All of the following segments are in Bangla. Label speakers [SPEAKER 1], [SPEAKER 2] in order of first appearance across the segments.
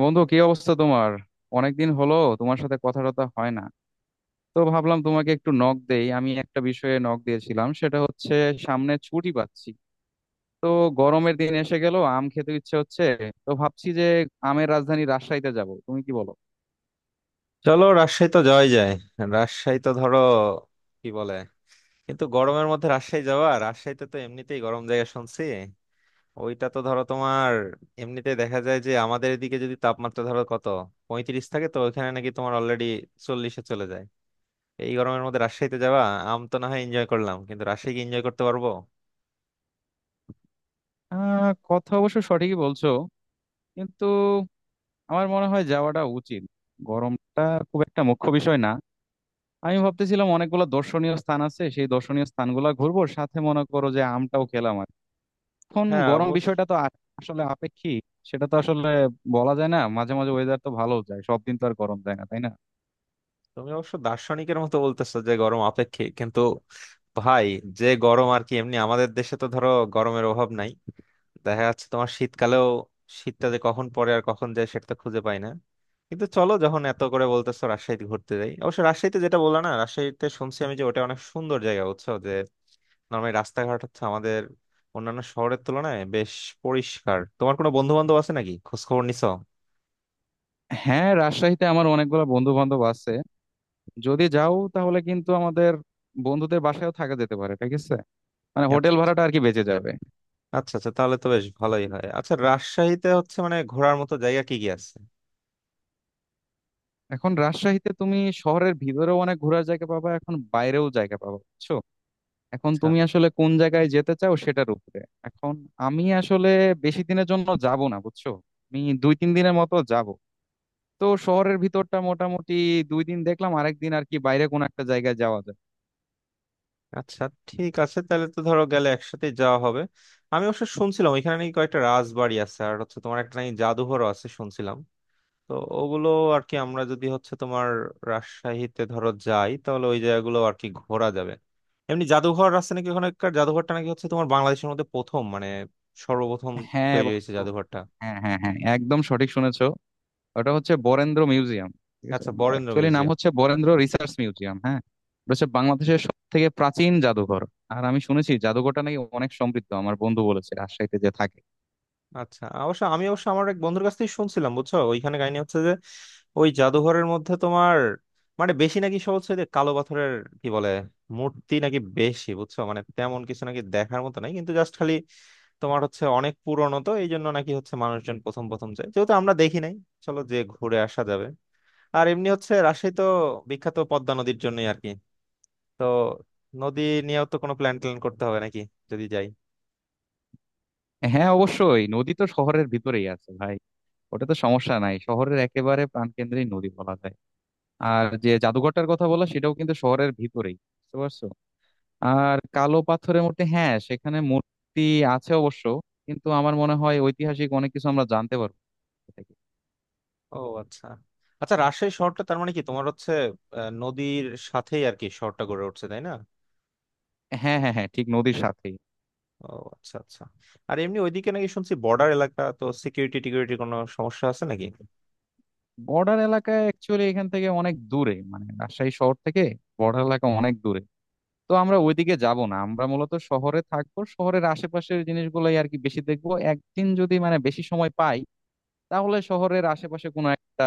[SPEAKER 1] বন্ধু, কি অবস্থা তোমার? অনেকদিন হলো তোমার সাথে কথা টথা হয় না। তো ভাবলাম তোমাকে একটু নক দেই। আমি একটা বিষয়ে নক দিয়েছিলাম, সেটা হচ্ছে সামনে ছুটি পাচ্ছি। তো গরমের দিন এসে গেল, আম খেতে ইচ্ছে হচ্ছে। তো ভাবছি যে আমের রাজধানী রাজশাহীতে যাব, তুমি কি বলো?
[SPEAKER 2] চলো রাজশাহী তো যাওয়াই যায়। রাজশাহী তো ধরো কি বলে কিন্তু গরমের মধ্যে রাজশাহী যাওয়া, রাজশাহীতে তো এমনিতেই গরম জায়গা শুনছি। ওইটা তো ধরো তোমার এমনিতেই দেখা যায় যে আমাদের এদিকে যদি তাপমাত্রা ধরো কত 35 থাকে তো ওইখানে নাকি তোমার অলরেডি 40-এ চলে যায়। এই গরমের মধ্যে রাজশাহীতে যাওয়া, আম তো না হয় এনজয় করলাম কিন্তু রাজশাহী কি এনজয় করতে পারবো?
[SPEAKER 1] আহ, কথা অবশ্য সঠিকই বলছো, কিন্তু আমার মনে হয় যাওয়াটা উচিত। গরমটা খুব একটা মুখ্য বিষয় না। আমি ভাবতেছিলাম অনেকগুলো দর্শনীয় স্থান আছে, সেই দর্শনীয় স্থানগুলো ঘুরবো, সাথে মনে করো যে আমটাও খেলাম। এখন
[SPEAKER 2] হ্যাঁ
[SPEAKER 1] গরম
[SPEAKER 2] অবশ্য।
[SPEAKER 1] বিষয়টা তো আসলে আপেক্ষিক। সেটা তো আসলে বলা যায় না, মাঝে মাঝে ওয়েদার তো ভালো যায়, সব দিন তো আর গরম যায় না, তাই না?
[SPEAKER 2] তুমি অবশ্য দার্শনিকের মতো বলতেছো যে গরম আপেক্ষিক, কিন্তু ভাই যে গরম আর কি, এমনি আমাদের দেশে তো ধরো গরমের অভাব নাই। দেখা যাচ্ছে তোমার শীতকালেও শীতটা যে কখন পড়ে আর কখন যায় সেটা তো খুঁজে পাই না। কিন্তু চলো যখন এত করে বলতেছো রাজশাহীতে ঘুরতে যাই। অবশ্য রাজশাহীতে যেটা বললা না, রাজশাহীতে শুনছি আমি যে ওটা অনেক সুন্দর জায়গা, বুঝছো যে নর্মালি রাস্তাঘাট হচ্ছে আমাদের অন্যান্য শহরের তুলনায় বেশ পরিষ্কার। তোমার কোনো বন্ধু বান্ধব আছে নাকি, খোঁজ খবর নিছো?
[SPEAKER 1] হ্যাঁ, রাজশাহীতে আমার অনেকগুলো বন্ধু বান্ধব আছে। যদি যাও তাহলে কিন্তু আমাদের বন্ধুদের বাসায়ও থাকা যেতে পারে, ঠিক আছে? মানে হোটেল
[SPEAKER 2] আচ্ছা।
[SPEAKER 1] ভাড়াটা আর কি বেঁচে যাবে।
[SPEAKER 2] আচ্ছা আচ্ছা, তাহলে তো বেশ ভালোই হয়। আচ্ছা রাজশাহীতে হচ্ছে মানে ঘোরার মতো জায়গা কি কি আছে?
[SPEAKER 1] এখন রাজশাহীতে তুমি শহরের ভিতরেও অনেক ঘোরার জায়গা পাবা, এখন বাইরেও জায়গা পাবা, বুঝছো? এখন
[SPEAKER 2] আচ্ছা।
[SPEAKER 1] তুমি আসলে কোন জায়গায় যেতে চাও সেটার উপরে। এখন আমি আসলে বেশি দিনের জন্য যাব না, বুঝছো। আমি দুই তিন দিনের মতো যাব। তো শহরের ভিতরটা মোটামুটি দুই দিন দেখলাম, আরেকদিন আর কি বাইরে কোনো একটা জায়গায় যাওয়া যায়।
[SPEAKER 2] আচ্ছা ঠিক আছে, তাহলে তো ধরো গেলে একসাথে যাওয়া হবে। আমি অবশ্য শুনছিলাম এখানে নাকি কয়েকটা রাজবাড়ি আছে, আর হচ্ছে তোমার একটা নাকি জাদুঘরও আছে শুনছিলাম। তো ওগুলো আর কি আমরা যদি হচ্ছে তোমার রাজশাহীতে ধরো যাই, তাহলে ওই জায়গাগুলো আর কি ঘোরা যাবে। এমনি জাদুঘর আছে নাকি, ওখানকার জাদুঘরটা নাকি হচ্ছে তোমার বাংলাদেশের মধ্যে প্রথম মানে সর্বপ্রথম
[SPEAKER 1] হ্যাঁ
[SPEAKER 2] তৈরি হয়েছে
[SPEAKER 1] বন্ধু।
[SPEAKER 2] জাদুঘরটা।
[SPEAKER 1] হ্যাঁ, হ্যাঁ, হ্যাঁ, একদম সঠিক শুনেছো। ওটা হচ্ছে বরেন্দ্র মিউজিয়াম, ঠিক আছে।
[SPEAKER 2] আচ্ছা বরেন্দ্র
[SPEAKER 1] অ্যাকচুয়ালি নাম
[SPEAKER 2] মিউজিয়াম।
[SPEAKER 1] হচ্ছে বরেন্দ্র রিসার্চ মিউজিয়াম, হ্যাঁ। এটা হচ্ছে বাংলাদেশের সব থেকে প্রাচীন জাদুঘর। আর আমি শুনেছি জাদুঘরটা নাকি অনেক সমৃদ্ধ, আমার বন্ধু বলেছে রাজশাহীতে যে থাকে।
[SPEAKER 2] আচ্ছা অবশ্য আমি অবশ্য আমার এক বন্ধুর কাছ থেকে শুনছিলাম বুঝছো, ওইখানে কাহিনী হচ্ছে যে ওই জাদুঘরের মধ্যে তোমার মানে বেশি নাকি সব হচ্ছে যে কালো পাথরের কি বলে মূর্তি নাকি বেশি, বুঝছো মানে তেমন কিছু নাকি দেখার মতো নাই, কিন্তু জাস্ট খালি তোমার হচ্ছে অনেক পুরনো, তো এই জন্য নাকি হচ্ছে মানুষজন প্রথম প্রথম যায়। যেহেতু আমরা দেখি নাই চলো যে ঘুরে আসা যাবে। আর এমনি হচ্ছে রাজশাহী তো বিখ্যাত পদ্মা নদীর জন্যই আর কি। তো নদী নিয়েও তো কোনো প্ল্যান ট্যান করতে হবে নাকি যদি যাই।
[SPEAKER 1] হ্যাঁ, অবশ্যই নদী তো শহরের ভিতরেই আছে, ভাই। ওটা তো সমস্যা নাই, শহরের একেবারে প্রাণকেন্দ্রেই নদী বলা যায়। আর যে জাদুঘরটার কথা বলা, সেটাও কিন্তু শহরের ভিতরেই, বুঝতে পারছো? আর কালো পাথরের মূর্তি, হ্যাঁ সেখানে মূর্তি আছে অবশ্য, কিন্তু আমার মনে হয় ঐতিহাসিক অনেক কিছু আমরা জানতে পারবো এ থেকে।
[SPEAKER 2] ও আচ্ছা আচ্ছা, রাজশাহী শহরটা তার মানে কি তোমার হচ্ছে নদীর সাথেই আর কি শহরটা গড়ে উঠছে, তাই না?
[SPEAKER 1] হ্যাঁ, হ্যাঁ, হ্যাঁ, ঠিক নদীর সাথেই।
[SPEAKER 2] ও আচ্ছা আচ্ছা। আর এমনি ওইদিকে নাকি শুনছি বর্ডার এলাকা, তো সিকিউরিটি টিকিউরিটির কোনো সমস্যা আছে নাকি?
[SPEAKER 1] বর্ডার এলাকায় অ্যাকচুয়ালি এখান থেকে অনেক দূরে, মানে রাজশাহী শহর থেকে বর্ডার এলাকা অনেক দূরে। তো আমরা ওইদিকে যাব না, আমরা মূলত শহরে থাকবো, শহরের আশেপাশের জিনিসগুলোই আর কি বেশি দেখবো। একদিন যদি মানে বেশি সময় পাই, তাহলে শহরের আশেপাশে কোনো একটা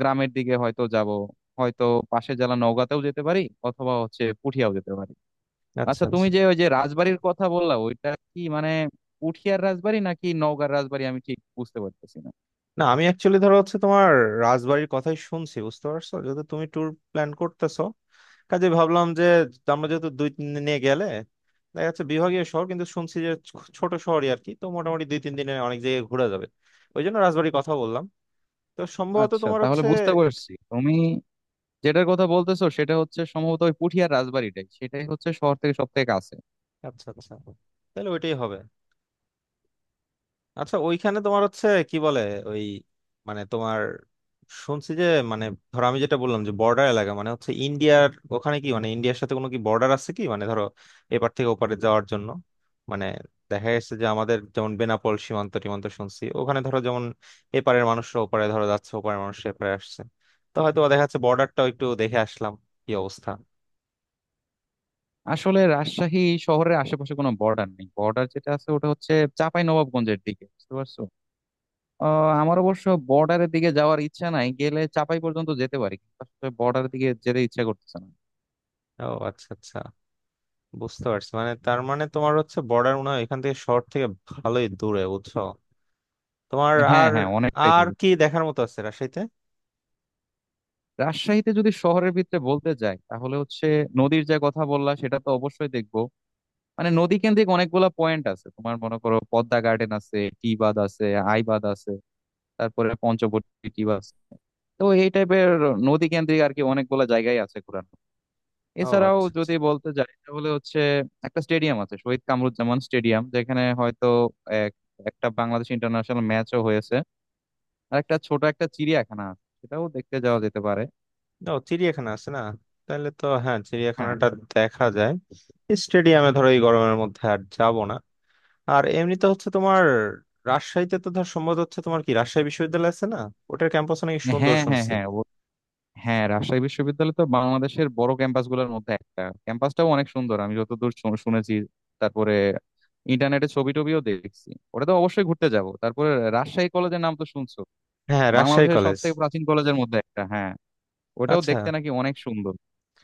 [SPEAKER 1] গ্রামের দিকে হয়তো যাব। হয়তো পাশে জেলা নওগাঁতেও যেতে পারি, অথবা হচ্ছে পুঠিয়াও যেতে পারি।
[SPEAKER 2] আচ্ছা
[SPEAKER 1] আচ্ছা, তুমি
[SPEAKER 2] আচ্ছা।
[SPEAKER 1] যে ওই যে রাজবাড়ির কথা বললা, ওইটা কি মানে পুঠিয়ার রাজবাড়ি নাকি নওগাঁর রাজবাড়ি, আমি ঠিক বুঝতে পারতেছি না।
[SPEAKER 2] না আমি অ্যাকচুয়ালি ধরো হচ্ছে তোমার রাজবাড়ির কথাই শুনছি, বুঝতে পারছো, যেহেতু তুমি ট্যুর প্ল্যান করতেছো, কাজে ভাবলাম যে আমরা যেহেতু দুই তিন দিন নিয়ে গেলে দেখা যাচ্ছে বিভাগীয় শহর কিন্তু শুনছি যে ছোট শহরই আর কি, তো মোটামুটি 2-3 দিনে অনেক জায়গায় ঘোরা যাবে, ওই জন্য রাজবাড়ির কথা বললাম। তো সম্ভবত
[SPEAKER 1] আচ্ছা,
[SPEAKER 2] তোমার
[SPEAKER 1] তাহলে
[SPEAKER 2] হচ্ছে।
[SPEAKER 1] বুঝতে পারছি, তুমি যেটার কথা বলতেছো সেটা হচ্ছে সম্ভবত ওই পুঠিয়ার রাজবাড়িটাই, সেটাই হচ্ছে শহর থেকে সব থেকে কাছে।
[SPEAKER 2] আচ্ছা আচ্ছা, তাহলে ওইটাই হবে। আচ্ছা ওইখানে তোমার হচ্ছে কি বলে ওই মানে তোমার শুনছি যে মানে ধরো আমি যেটা বললাম যে বর্ডার এলাকা মানে হচ্ছে ইন্ডিয়ার, ওখানে কি মানে ইন্ডিয়ার সাথে কোনো কি বর্ডার আছে কি, মানে ধরো এপার থেকে ওপারে যাওয়ার জন্য মানে দেখা যাচ্ছে যে আমাদের যেমন বেনাপোল সীমান্ত টিমান্ত শুনছি, ওখানে ধরো যেমন এপারের মানুষরা ওপারে ধরো যাচ্ছে, ওপারের মানুষ এপারে আসছে, তো হয়তো দেখা যাচ্ছে বর্ডারটাও একটু দেখে আসলাম কি অবস্থা।
[SPEAKER 1] আসলে রাজশাহী শহরের আশেপাশে কোনো বর্ডার নেই, বর্ডার যেটা আছে ওটা হচ্ছে চাঁপাই নবাবগঞ্জের দিকে, বুঝতে পারছো? আহ, আমার অবশ্য বর্ডারের দিকে যাওয়ার ইচ্ছা নাই, গেলে চাঁপাই পর্যন্ত যেতে পারি, কিন্তু বর্ডারের দিকে যেতে ইচ্ছা করতেছে না।
[SPEAKER 2] ও আচ্ছা আচ্ছা, বুঝতে পারছি। মানে তার মানে তোমার হচ্ছে বর্ডার মনে হয় এখান থেকে শহর থেকে ভালোই দূরে বুঝছো তোমার।
[SPEAKER 1] হ্যাঁ,
[SPEAKER 2] আর
[SPEAKER 1] হ্যাঁ, অনেকটাই
[SPEAKER 2] আর
[SPEAKER 1] দূর।
[SPEAKER 2] কি দেখার মতো আছে রাজশাহীতে?
[SPEAKER 1] রাজশাহীতে যদি শহরের ভিতরে বলতে যাই, তাহলে হচ্ছে নদীর যে কথা বললা সেটা তো অবশ্যই দেখবো। মানে নদী কেন্দ্রিক অনেকগুলা পয়েন্ট আছে তোমার, মনে করো পদ্মা গার্ডেন আছে, টি বাঁধ আছে, আইবাদ আছে, তারপরে পঞ্চবটী টি বাঁধ আছে। তো এই টাইপের নদী কেন্দ্রিক আর কি অনেকগুলা জায়গায় আছে ঘোরানো।
[SPEAKER 2] ও
[SPEAKER 1] এছাড়াও
[SPEAKER 2] আচ্ছা আচ্ছা।
[SPEAKER 1] যদি বলতে যাই তাহলে হচ্ছে একটা স্টেডিয়াম আছে, শহীদ কামরুজ্জামান স্টেডিয়াম, যেখানে হয়তো এক একটা বাংলাদেশ ইন্টারন্যাশনাল ম্যাচও হয়েছে। আর একটা ছোট একটা চিড়িয়াখানা আছে, সেটাও দেখতে যাওয়া যেতে পারে।
[SPEAKER 2] ও চিড়িয়াখানা আছে না? তাহলে তো হ্যাঁ
[SPEAKER 1] হ্যাঁ।
[SPEAKER 2] চিড়িয়াখানাটা দেখা যায়। স্টেডিয়ামে ধরো এই গরমের মধ্যে আর যাব না। আর এমনিতে হচ্ছে তোমার রাজশাহীতে তো ধর সম্ভবত হচ্ছে তোমার কি রাজশাহী বিশ্ববিদ্যালয় আছে না, ওটার ক্যাম্পাস নাকি সুন্দর
[SPEAKER 1] হ্যাঁ, হ্যাঁ,
[SPEAKER 2] শুনছি।
[SPEAKER 1] হ্যাঁ, হ্যাঁ, রাজশাহী বিশ্ববিদ্যালয় তো বাংলাদেশের বড় ক্যাম্পাস গুলোর মধ্যে একটা, ক্যাম্পাসটাও অনেক সুন্দর আমি যতদূর শুনেছি। তারপরে ইন্টারনেটে ছবি টবিও দেখছি। ওটা তো অবশ্যই ঘুরতে যাব। তারপরে রাজশাহী কলেজের নাম তো শুনছো,
[SPEAKER 2] হ্যাঁ রাজশাহী
[SPEAKER 1] বাংলাদেশের সব
[SPEAKER 2] কলেজ।
[SPEAKER 1] থেকে প্রাচীন কলেজের মধ্যে একটা, হ্যাঁ। ওটাও
[SPEAKER 2] আচ্ছা।
[SPEAKER 1] দেখতে নাকি অনেক সুন্দর।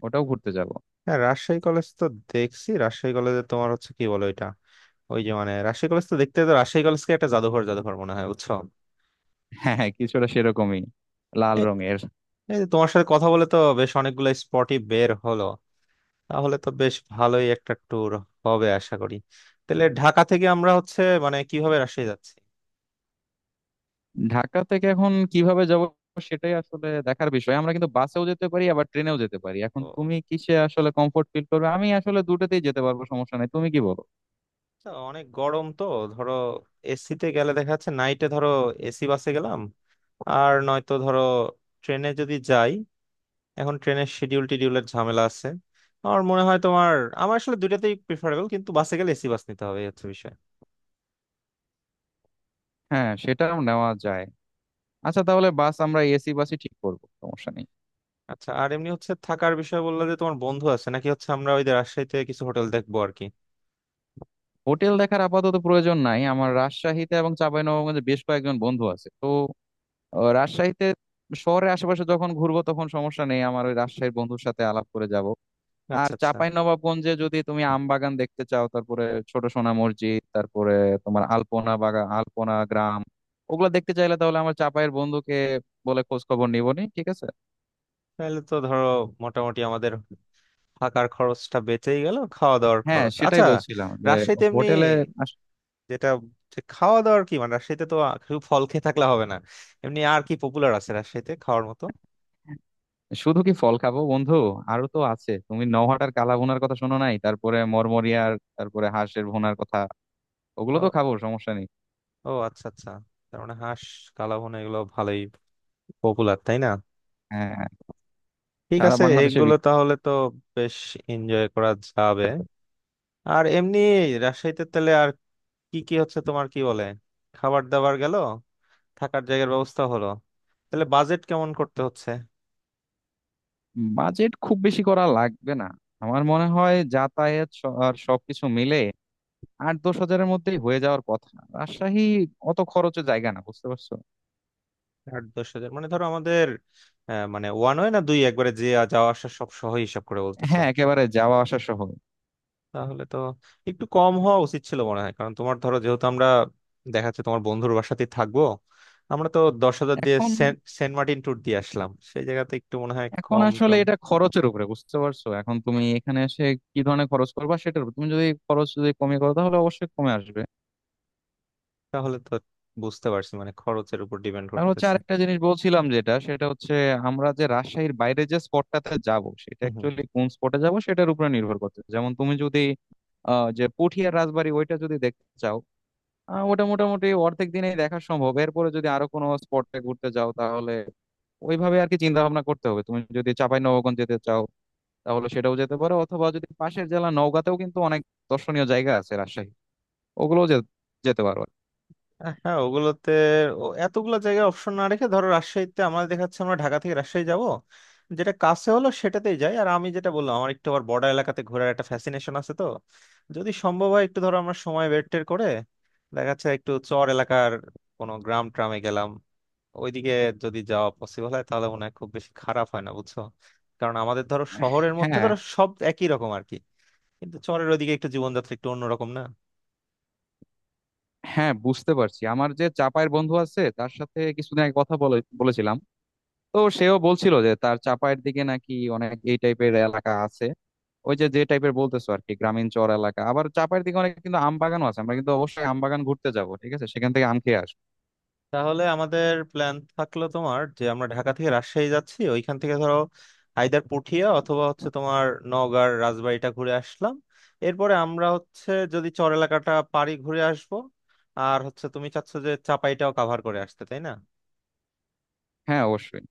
[SPEAKER 1] ওটাও ঘুরতে যাব।
[SPEAKER 2] হ্যাঁ রাজশাহী কলেজ তো দেখছি, রাজশাহী কলেজে তোমার হচ্ছে কি বলো এটা, ওই যে মানে রাজশাহী কলেজ তো দেখতে তো রাজশাহী কলেজকে একটা জাদুঘর জাদুঘর মনে হয় বুঝছো।
[SPEAKER 1] হ্যাঁ, হ্যাঁ, কিছুটা সেরকমই, লাল
[SPEAKER 2] এই
[SPEAKER 1] রঙের।
[SPEAKER 2] এই যে তোমার সাথে কথা বলে তো বেশ অনেকগুলো স্পটই বের হলো, তাহলে তো বেশ ভালোই একটা ট্যুর হবে আশা করি। তাহলে ঢাকা থেকে আমরা হচ্ছে মানে কিভাবে রাজশাহী যাচ্ছি?
[SPEAKER 1] ঢাকা থেকে এখন কিভাবে যাব সেটাই আসলে দেখার বিষয়। আমরা কিন্তু বাসেও যেতে পারি, আবার ট্রেনেও যেতে পারি। এখন
[SPEAKER 2] ও
[SPEAKER 1] তুমি কিসে আসলে কমফোর্ট ফিল করবে, আমি আসলে দুটোতেই যেতে পারবো, সমস্যা নাই। তুমি কি বলো?
[SPEAKER 2] আচ্ছা, অনেক গরম তো, ধরো এসিতে গেলে দেখা যাচ্ছে নাইটে ধরো এসি বাসে গেলাম, আর নয়তো ধরো ট্রেনে যদি যাই, এখন ট্রেনের শিডিউল টিডিউলের ঝামেলা আছে। আমার মনে হয় তোমার আমার আসলে দুইটাতেই প্রিফারেবল কিন্তু বাসে গেলে এসি বাস নিতে হবে, এই হচ্ছে বিষয়।
[SPEAKER 1] হ্যাঁ, সেটাও নেওয়া যায়। আচ্ছা, তাহলে বাস আমরা এসি বাসই ঠিক করবো, সমস্যা নেই।
[SPEAKER 2] আচ্ছা আর এমনি হচ্ছে থাকার বিষয় বললে যে তোমার বন্ধু আছে নাকি হচ্ছে আমরা ওই যে রাজশাহীতে কিছু হোটেল দেখবো আর কি।
[SPEAKER 1] হোটেল দেখার আপাতত প্রয়োজন নাই আমার, রাজশাহীতে এবং চাঁপাইনবাবগঞ্জে বেশ কয়েকজন বন্ধু আছে তো। আহ, রাজশাহীতে শহরের আশেপাশে যখন ঘুরবো তখন সমস্যা নেই, আমার ওই রাজশাহীর বন্ধুর সাথে আলাপ করে যাব। আর
[SPEAKER 2] আচ্ছা আচ্ছা,
[SPEAKER 1] চাঁপাই নবাবগঞ্জে যদি তুমি আম বাগান দেখতে চাও, তারপরে ছোট সোনা মসজিদ, তারপরে তোমার আলপনা বাগান, আলপনা গ্রাম, ওগুলা দেখতে চাইলে তাহলে আমার চাঁপাইয়ের বন্ধুকে বলে খোঁজ খবর নিবনি, ঠিক আছে।
[SPEAKER 2] তাহলে তো ধরো মোটামুটি আমাদের থাকার খরচটা বেঁচেই গেল, খাওয়া দাওয়ার
[SPEAKER 1] হ্যাঁ,
[SPEAKER 2] খরচ।
[SPEAKER 1] সেটাই
[SPEAKER 2] আচ্ছা
[SPEAKER 1] বলছিলাম যে
[SPEAKER 2] রাজশাহীতে এমনি
[SPEAKER 1] হোটেলে আস-
[SPEAKER 2] যেটা যে খাওয়া দাওয়ার কি মানে রাজশাহীতে তো শুধু ফল খেয়ে থাকলে হবে না, এমনি আর কি পপুলার আছে রাজশাহীতে খাওয়ার মতো?
[SPEAKER 1] শুধু কি ফল খাবো বন্ধু? আরো তো আছে, তুমি নওহাটার কালা ভুনার কথা শোনো নাই? তারপরে মরমরিয়ার, তারপরে হাঁসের ভুনার কথা। ওগুলো তো
[SPEAKER 2] ও।
[SPEAKER 1] খাবো, সমস্যা নেই।
[SPEAKER 2] ও আচ্ছা আচ্ছা, তার মানে হাঁস কালাভুনা এগুলো ভালোই পপুলার তাই না?
[SPEAKER 1] হ্যাঁ, হ্যাঁ,
[SPEAKER 2] ঠিক
[SPEAKER 1] সারা
[SPEAKER 2] আছে
[SPEAKER 1] বাংলাদেশে
[SPEAKER 2] এগুলো তাহলে তো বেশ এনজয় করা যাবে।
[SPEAKER 1] বিখ্যাত।
[SPEAKER 2] আর এমনি রাজশাহীতে তাহলে আর কি কি হচ্ছে তোমার কি বলে, খাবার দাবার গেল, থাকার জায়গার ব্যবস্থা হলো, তাহলে বাজেট কেমন করতে হচ্ছে?
[SPEAKER 1] বাজেট খুব বেশি করা লাগবে না। আমার মনে হয় যাতায়াত আর সবকিছু মিলে আট দশ হাজারের মধ্যেই হয়ে যাওয়ার কথা। রাজশাহী অত খরচের জায়গা না, বুঝতে পারছো।
[SPEAKER 2] 8-10 হাজার মানে ধরো আমাদের মানে ওয়ান ওয়ে না দুই একবারে যে যাওয়া আসা সব সহ হিসাব করে বলতেছো?
[SPEAKER 1] হ্যাঁ, একেবারে যাওয়া আসা সহ।
[SPEAKER 2] তাহলে তো একটু কম হওয়া উচিত ছিল মনে হয়, কারণ তোমার ধরো যেহেতু আমরা দেখা যাচ্ছে তোমার বন্ধুর বাসাতেই থাকবো। আমরা তো 10 হাজার দিয়ে
[SPEAKER 1] এখন
[SPEAKER 2] সেন্ট সেন্ট মার্টিন ট্যুর দিয়ে আসলাম, সেই জায়গাতে একটু মনে হয়
[SPEAKER 1] এখন
[SPEAKER 2] কম
[SPEAKER 1] আসলে
[SPEAKER 2] টম।
[SPEAKER 1] এটা খরচের উপরে, বুঝতে পারছো। এখন তুমি এখানে এসে কি ধরনের খরচ করবা সেটার উপর, তুমি যদি খরচ যদি কমিয়ে করো তাহলে অবশ্যই কমে আসবে।
[SPEAKER 2] তাহলে তো বুঝতে পারছি মানে খরচের উপর ডিপেন্ড
[SPEAKER 1] আর হচ্ছে
[SPEAKER 2] করতেছে।
[SPEAKER 1] আরেকটা জিনিস বলছিলাম যেটা, সেটা হচ্ছে আমরা যে রাজশাহীর বাইরে যে স্পটটাতে যাব, সেটা অ্যাকচুয়ালি কোন স্পটে যাব সেটার উপরে নির্ভর করতে। যেমন তুমি যদি আহ, যে পুঠিয়ার রাজবাড়ি ওইটা যদি দেখতে চাও, আহ, ওটা মোটামুটি অর্ধেক দিনেই দেখা সম্ভব। এরপরে যদি আরো কোনো স্পটে ঘুরতে যাও, তাহলে ওইভাবে আর কি চিন্তা ভাবনা করতে হবে। তুমি যদি চাঁপাই নবাবগঞ্জ যেতে চাও, তাহলে সেটাও যেতে পারো। অথবা যদি পাশের জেলা নওগাঁতেও কিন্তু অনেক দর্শনীয় জায়গা আছে রাজশাহী, ওগুলোও যেতে পারো।
[SPEAKER 2] হ্যাঁ ওগুলোতে এতগুলো জায়গায় অপশন না রেখে ধরো রাজশাহীতে আমার দেখাচ্ছে আমরা ঢাকা থেকে রাজশাহী যাব, যেটা কাছে হলো সেটাতেই যাই। আর আমি যেটা বললাম আমার একটু আবার বর্ডার এলাকাতে ঘোরার একটা ফ্যাসিনেশন আছে, তো যদি সম্ভব হয় একটু ধরো আমরা সময় বের টের করে দেখা যাচ্ছে একটু চর এলাকার কোনো গ্রাম ট্রামে গেলাম ওইদিকে, যদি যাওয়া পসিবল হয় তাহলে মনে হয় খুব বেশি খারাপ হয় না বুঝছো। কারণ আমাদের ধরো শহরের
[SPEAKER 1] হ্যাঁ,
[SPEAKER 2] মধ্যে ধরো সব একই রকম আর কি, কিন্তু চরের ওইদিকে একটু জীবনযাত্রা একটু অন্যরকম না।
[SPEAKER 1] হ্যাঁ, বুঝতে পারছি। আমার যে চাপায়ের বন্ধু আছে, তার সাথে কিছুদিন আগে কথা বলে বলেছিলাম, তো সেও বলছিল যে তার চাপায়ের দিকে নাকি অনেক এই টাইপের এলাকা আছে, ওই যে যে টাইপের বলতেছো আর কি, গ্রামীণ চর এলাকা। আবার চাপায়ের দিকে অনেক কিন্তু আম বাগানও আছে, আমরা কিন্তু অবশ্যই আম বাগান ঘুরতে যাব, ঠিক আছে, সেখান থেকে আম খেয়ে আসবো।
[SPEAKER 2] তাহলে আমাদের প্ল্যান থাকলো তোমার যে আমরা ঢাকা থেকে রাজশাহী যাচ্ছি, ওইখান থেকে ধরো আইদার পুঠিয়া অথবা হচ্ছে তোমার নওগাঁর রাজবাড়িটা ঘুরে আসলাম, এরপরে আমরা হচ্ছে যদি চর এলাকাটা পারি ঘুরে আসবো, আর হচ্ছে তুমি চাচ্ছ যে চাপাইটাও কাভার করে আসতে, তাই না?
[SPEAKER 1] হ্যাঁ, অবশ্যই।